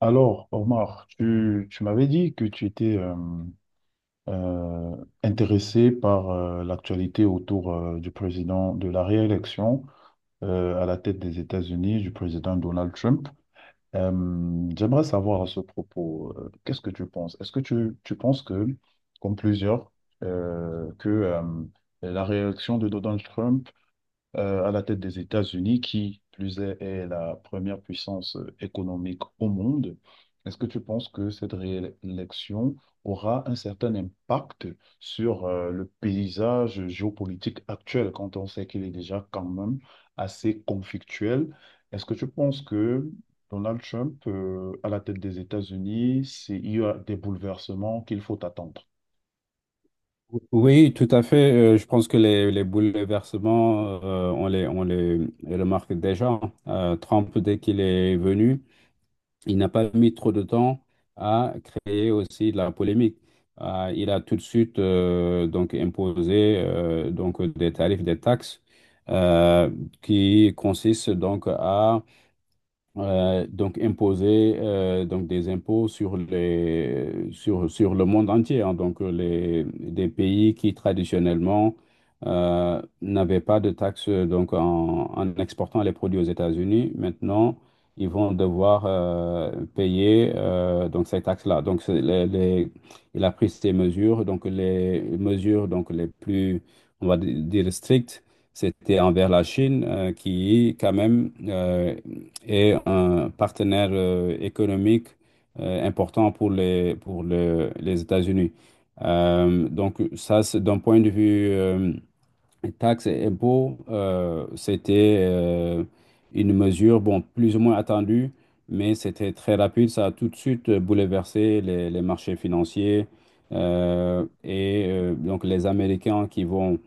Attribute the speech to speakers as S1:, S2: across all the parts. S1: Alors, Omar, tu m'avais dit que tu étais euh, intéressé par l'actualité autour du président de la réélection à la tête des États-Unis du président Donald Trump. J'aimerais savoir à ce propos, qu'est-ce que tu penses? Est-ce que tu penses que, comme plusieurs, que la réélection de Donald Trump à la tête des États-Unis, qui plus est, est la première puissance économique au monde. Est-ce que tu penses que cette réélection aura un certain impact sur le paysage géopolitique actuel, quand on sait qu'il est déjà quand même assez conflictuel? Est-ce que tu penses que Donald Trump, à la tête des États-Unis, il y a des bouleversements qu'il faut attendre?
S2: Oui, tout à fait. Je pense que les bouleversements, on les remarque déjà. Trump, dès qu'il est venu, il n'a pas mis trop de temps à créer aussi de la polémique. Il a tout de suite donc imposé des tarifs, des taxes euh, qui consistent donc à imposer des impôts sur les sur sur le monde entier, hein. Donc les des pays qui traditionnellement n'avaient pas de taxes, donc en exportant les produits aux États-Unis, maintenant ils vont devoir payer donc ces taxes-là. Donc c'est il a pris ces mesures, donc les mesures donc les plus, on va dire strictes, c'était envers la Chine, qui quand même, et un partenaire économique important pour les États-Unis. Donc ça, c'est d'un point de vue taxes et impôts, c'était une mesure, bon, plus ou moins attendue, mais c'était très rapide. Ça a tout de suite bouleversé les marchés financiers. Et donc les Américains qui vont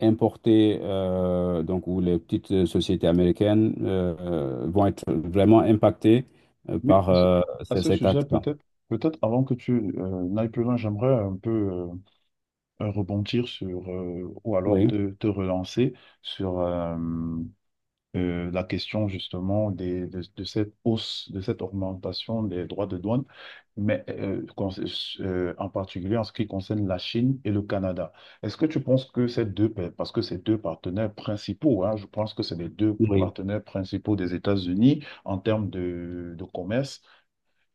S2: importés, donc où les petites sociétés américaines vont être vraiment impactées
S1: Oui,
S2: par
S1: à ce
S2: cet
S1: sujet,
S2: acte-là.
S1: peut-être, peut-être avant que tu n'ailles plus loin, j'aimerais un peu rebondir sur, ou alors
S2: Oui,
S1: te relancer sur la question justement de cette hausse, de cette augmentation des droits de douane, mais en particulier en ce qui concerne la Chine et le Canada. Est-ce que tu penses que parce que ces deux partenaires principaux, hein, je pense que c'est les deux
S2: oui.
S1: partenaires principaux des États-Unis en termes de commerce,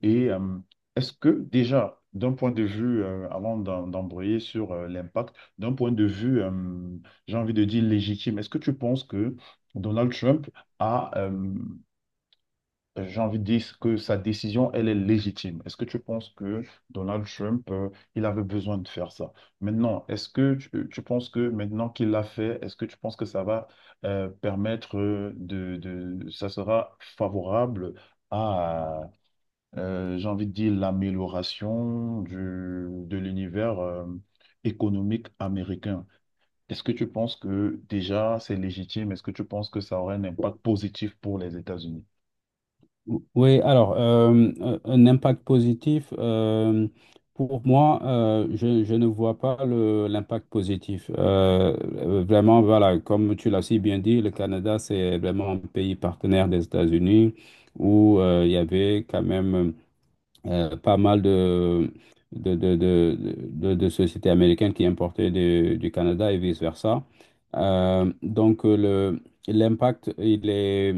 S1: et est-ce que déjà, d'un point de vue, d'embrayer sur l'impact, d'un point de vue, j'ai envie de dire légitime, est-ce que tu penses que Donald Trump a, j'ai envie de dire que sa décision, elle est légitime? Est-ce que tu penses que Donald Trump, il avait besoin de faire ça? Maintenant, est-ce que tu penses que maintenant qu'il l'a fait, est-ce que tu penses que ça va permettre de, ça sera favorable? À j'ai envie de dire l'amélioration du, de l'univers économique américain. Est-ce que tu penses que déjà c'est légitime? Est-ce que tu penses que ça aurait un impact positif pour les États-Unis?
S2: Oui, alors, un impact positif, pour moi, je ne vois pas l'impact positif. Vraiment, voilà, comme tu l'as si bien dit, le Canada, c'est vraiment un pays partenaire des États-Unis où il y avait quand même pas mal de, de, de, de sociétés américaines qui importaient du Canada et vice-versa. Donc l'impact, il est...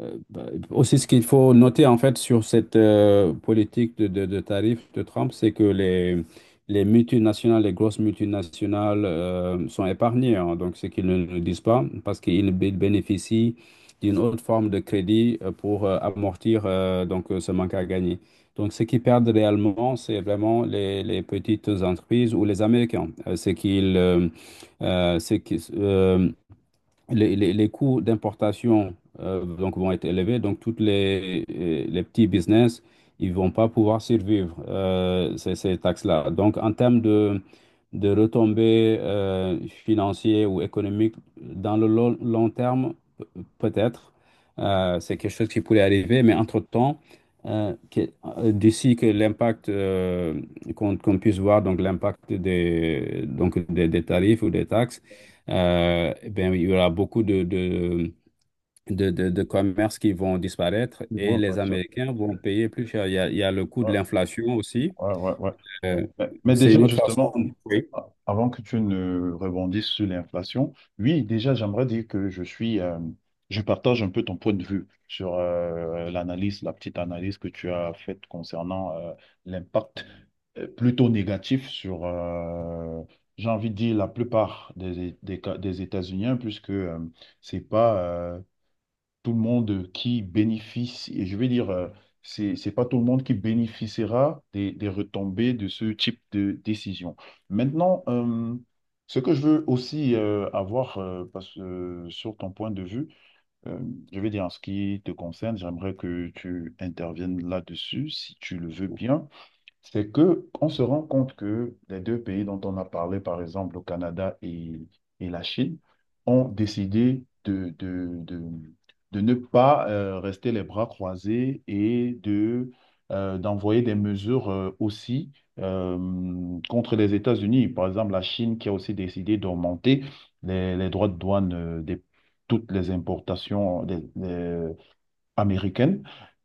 S2: euh, bah, aussi, ce qu'il faut noter, en fait, sur cette politique de tarifs de Trump, c'est que les multinationales, les grosses multinationales sont épargnées, hein. Donc, ce qu'ils ne le disent pas, parce qu'ils bénéficient d'une autre forme de crédit pour amortir, ce manque à gagner. Donc, ce qui perdent réellement, c'est vraiment les petites entreprises ou les Américains. C'est qu'ils, euh, c'est qu'ils, euh, les coûts d'importation donc vont être élevés. Donc, toutes les petits business, ils vont pas pouvoir survivre ces taxes-là. Donc, en termes de retombées financières ou économiques, dans le long terme, peut-être, c'est quelque chose qui pourrait arriver, mais entre-temps, euh, que- d'ici que l'impact qu'on puisse voir, donc l'impact des tarifs ou des taxes, eh bien, il y aura beaucoup de commerces qui vont disparaître
S1: Ils vont
S2: et les
S1: impacter ça.
S2: Américains vont payer plus cher. Il y a le coût de
S1: Ouais,
S2: l'inflation aussi.
S1: ouais, ouais, ouais.
S2: Euh,
S1: Mais
S2: c'est une
S1: déjà,
S2: autre
S1: justement,
S2: façon. Oui.
S1: ah, avant que tu ne rebondisses sur l'inflation, oui, déjà, j'aimerais dire que je suis, je partage un peu ton point de vue sur l'analyse, la petite analyse que tu as faite concernant l'impact plutôt négatif sur, j'ai envie de dire, la plupart des États-Unis, hein, puisque c'est pas, tout le monde qui bénéficie, et je vais dire, c'est pas tout le monde qui bénéficiera des retombées de ce type de décision. Maintenant, ce que je veux aussi avoir, parce que sur ton point de vue, euh, je vais dire en ce qui te concerne, j'aimerais que tu interviennes là-dessus, si tu le veux bien. C'est que on se rend compte que les deux pays dont on a parlé, par exemple le Canada et la Chine, ont décidé de ne pas rester les bras croisés et de, d'envoyer des mesures aussi euh, contre les États-Unis. Par exemple, la Chine qui a aussi décidé d'augmenter les droits de douane des toutes les importations, américaine,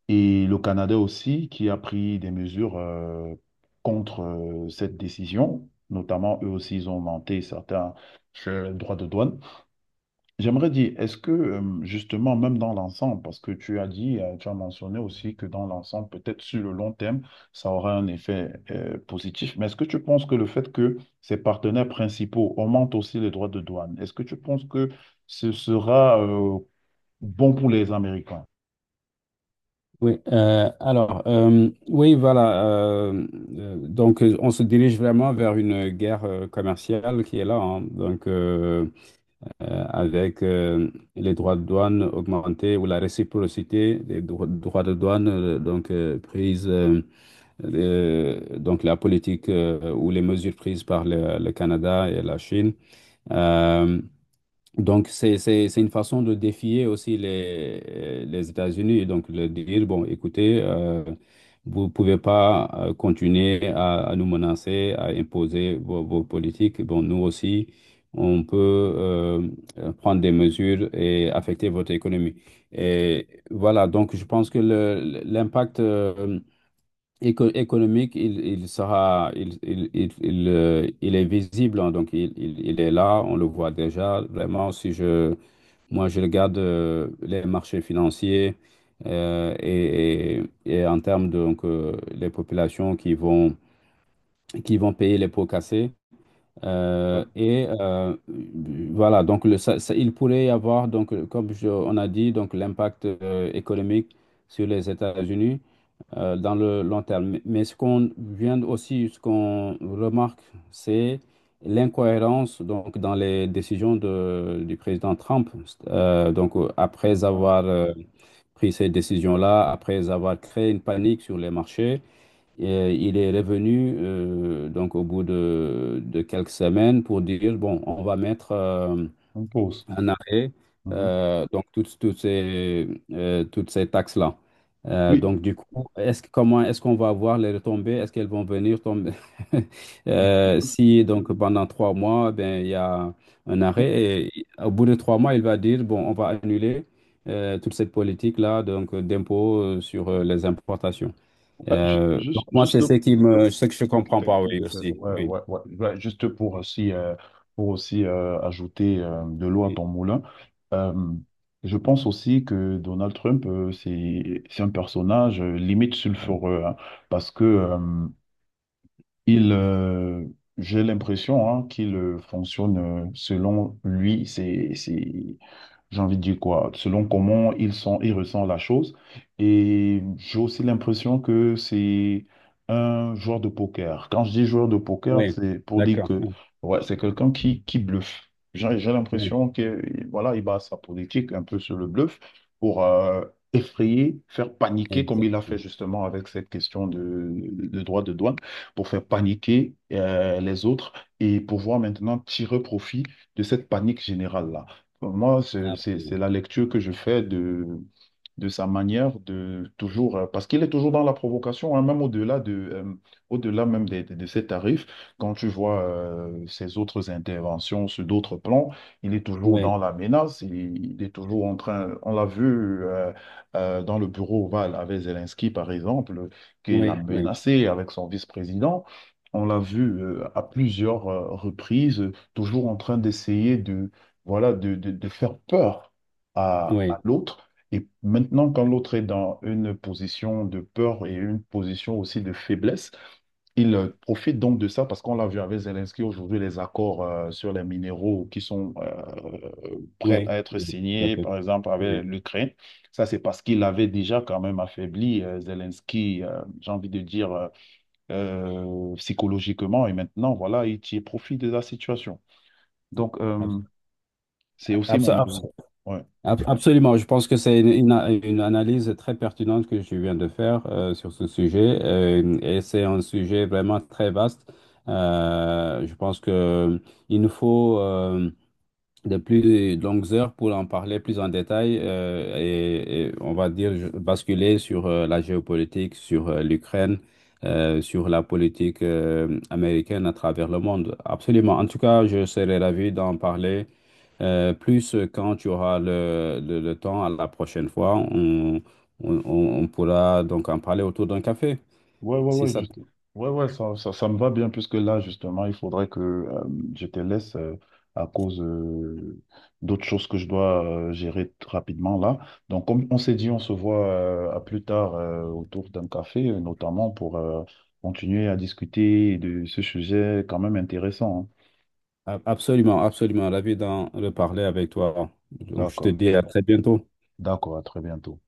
S1: et le Canada aussi qui a pris des mesures contre cette décision. Notamment, eux aussi, ils ont augmenté certains droits de douane. J'aimerais dire, est-ce que justement, même dans l'ensemble, parce que tu as dit, tu as mentionné aussi que dans l'ensemble, peut-être sur le long terme, ça aura un effet positif, mais est-ce que tu penses que le fait que ces partenaires principaux augmentent aussi les droits de douane, est-ce que tu penses que ce sera bon pour les Américains?
S2: Oui, alors, oui, voilà. Donc, on se dirige vraiment vers une guerre commerciale qui est là, hein. Donc avec les droits de douane augmentés ou la réciprocité des droits de douane, donc prise. Donc la politique ou les mesures prises par le Canada et la Chine. Euh, donc c'est une façon de défier aussi les États-Unis et donc de dire, bon, écoutez, vous pouvez pas continuer à nous menacer, à imposer vos politiques. Bon, nous aussi, on peut prendre des mesures et affecter votre économie. Et voilà, donc je pense que l'impact... économique, il sera, il est visible, hein, donc il est là, on le voit déjà. Vraiment, si je, moi, je regarde les marchés financiers, euh, et, et en termes de, donc, les populations qui vont payer les pots cassés, euh, et euh, voilà. Il pourrait y avoir, donc, comme on a dit, donc l'impact économique sur les États-Unis dans le long terme. Mais ce qu'on vient aussi, ce qu'on remarque, c'est l'incohérence, donc, dans les décisions du président Trump. Donc, après avoir pris ces décisions-là, après avoir créé une panique sur les marchés, il est revenu donc au bout de quelques semaines pour dire, bon, on va mettre
S1: On pause.
S2: un arrêt,
S1: Mhm.
S2: donc toutes ces taxes-là.
S1: Oui,
S2: Donc du coup, comment est-ce qu'on va voir les retombées? Est-ce qu'elles vont venir tomber? Si donc pendant trois mois, ben, il y a un
S1: non,
S2: arrêt et au bout de trois mois, il va dire, bon, on va annuler toute cette politique-là, donc d'impôts sur les importations. Donc
S1: juste,
S2: moi, c'est
S1: juste,
S2: ce que je comprends pas, oui, aussi.
S1: ouais,
S2: Oui,
S1: ouais, ouais, ouais, juste pour aussi ajouter de l'eau à
S2: oui,
S1: ton moulin, euh, je pense aussi que Donald Trump, c'est un personnage limite sulfureux, hein, parce que il, euh, j'ai l'impression hein, qu'il fonctionne selon lui, c'est j'ai envie de dire quoi, selon comment ils sont, ils ressentent la chose. Et j'ai aussi l'impression que c'est un joueur de poker. Quand je dis joueur de poker,
S2: oui.
S1: c'est pour dire
S2: D'accord.
S1: que
S2: Oui,
S1: ouais, c'est quelqu'un qui bluffe. J'ai
S2: oui,
S1: l'impression que voilà, il base sa politique un peu sur le bluff pour effrayer, faire paniquer, comme il a fait
S2: exactement.
S1: justement avec cette question de droit de douane, pour faire paniquer les autres et pouvoir maintenant tirer profit de cette panique générale-là. Moi, c'est
S2: Absolument.
S1: la lecture que je fais de sa manière de toujours, parce qu'il est toujours dans la provocation, hein, même au-delà de, au-delà même ses tarifs, quand tu vois ses autres interventions sur d'autres plans, il est toujours dans
S2: Oui,
S1: la menace, il est toujours en train, on l'a vu dans le bureau ovale avec Zelensky, par exemple, qu'il a
S2: oui, oui,
S1: menacé avec son vice-président. On l'a vu à plusieurs reprises, toujours en train d'essayer de, voilà, de faire peur à
S2: oui,
S1: l'autre. Et maintenant, quand l'autre est dans une position de peur et une position aussi de faiblesse, il profite donc de ça parce qu'on l'a vu avec Zelensky aujourd'hui, les accords sur les minéraux qui sont prêts
S2: oui,
S1: à être
S2: oui, tout à
S1: signés,
S2: fait.
S1: par exemple
S2: Oui.
S1: avec l'Ukraine. Ça, c'est parce qu'il avait déjà quand même affaibli Zelensky, j'ai envie de dire, psychologiquement. Et maintenant, voilà, il tire profit de la situation. Donc,
S2: Abs-
S1: c'est aussi
S2: abs-
S1: mon
S2: abs-
S1: avis. Ouais.
S2: Absolument, je pense que c'est une analyse très pertinente que je viens de faire sur ce sujet, et c'est un sujet vraiment très vaste. Je pense que il nous faut de plus longues heures pour en parler plus en détail, et on va dire basculer sur la géopolitique, sur l'Ukraine, sur la politique américaine à travers le monde. Absolument. En tout cas, je serai ravi d'en parler plus quand tu auras le temps à la prochaine fois. On pourra donc en parler autour d'un café.
S1: Ouais, ouais,
S2: Si
S1: ouais,
S2: ça...
S1: juste... ouais, ouais, ça me va bien puisque là, justement, il faudrait que je te laisse à cause d'autres choses que je dois rapidement là. Donc, comme on s'est dit, on se voit à plus tard autour d'un café, notamment pour continuer à discuter de ce sujet quand même intéressant, hein.
S2: Absolument, absolument. Ravi d'en reparler avec toi. Donc, je te
S1: D'accord,
S2: dis à très bientôt.
S1: d'accord, à très bientôt.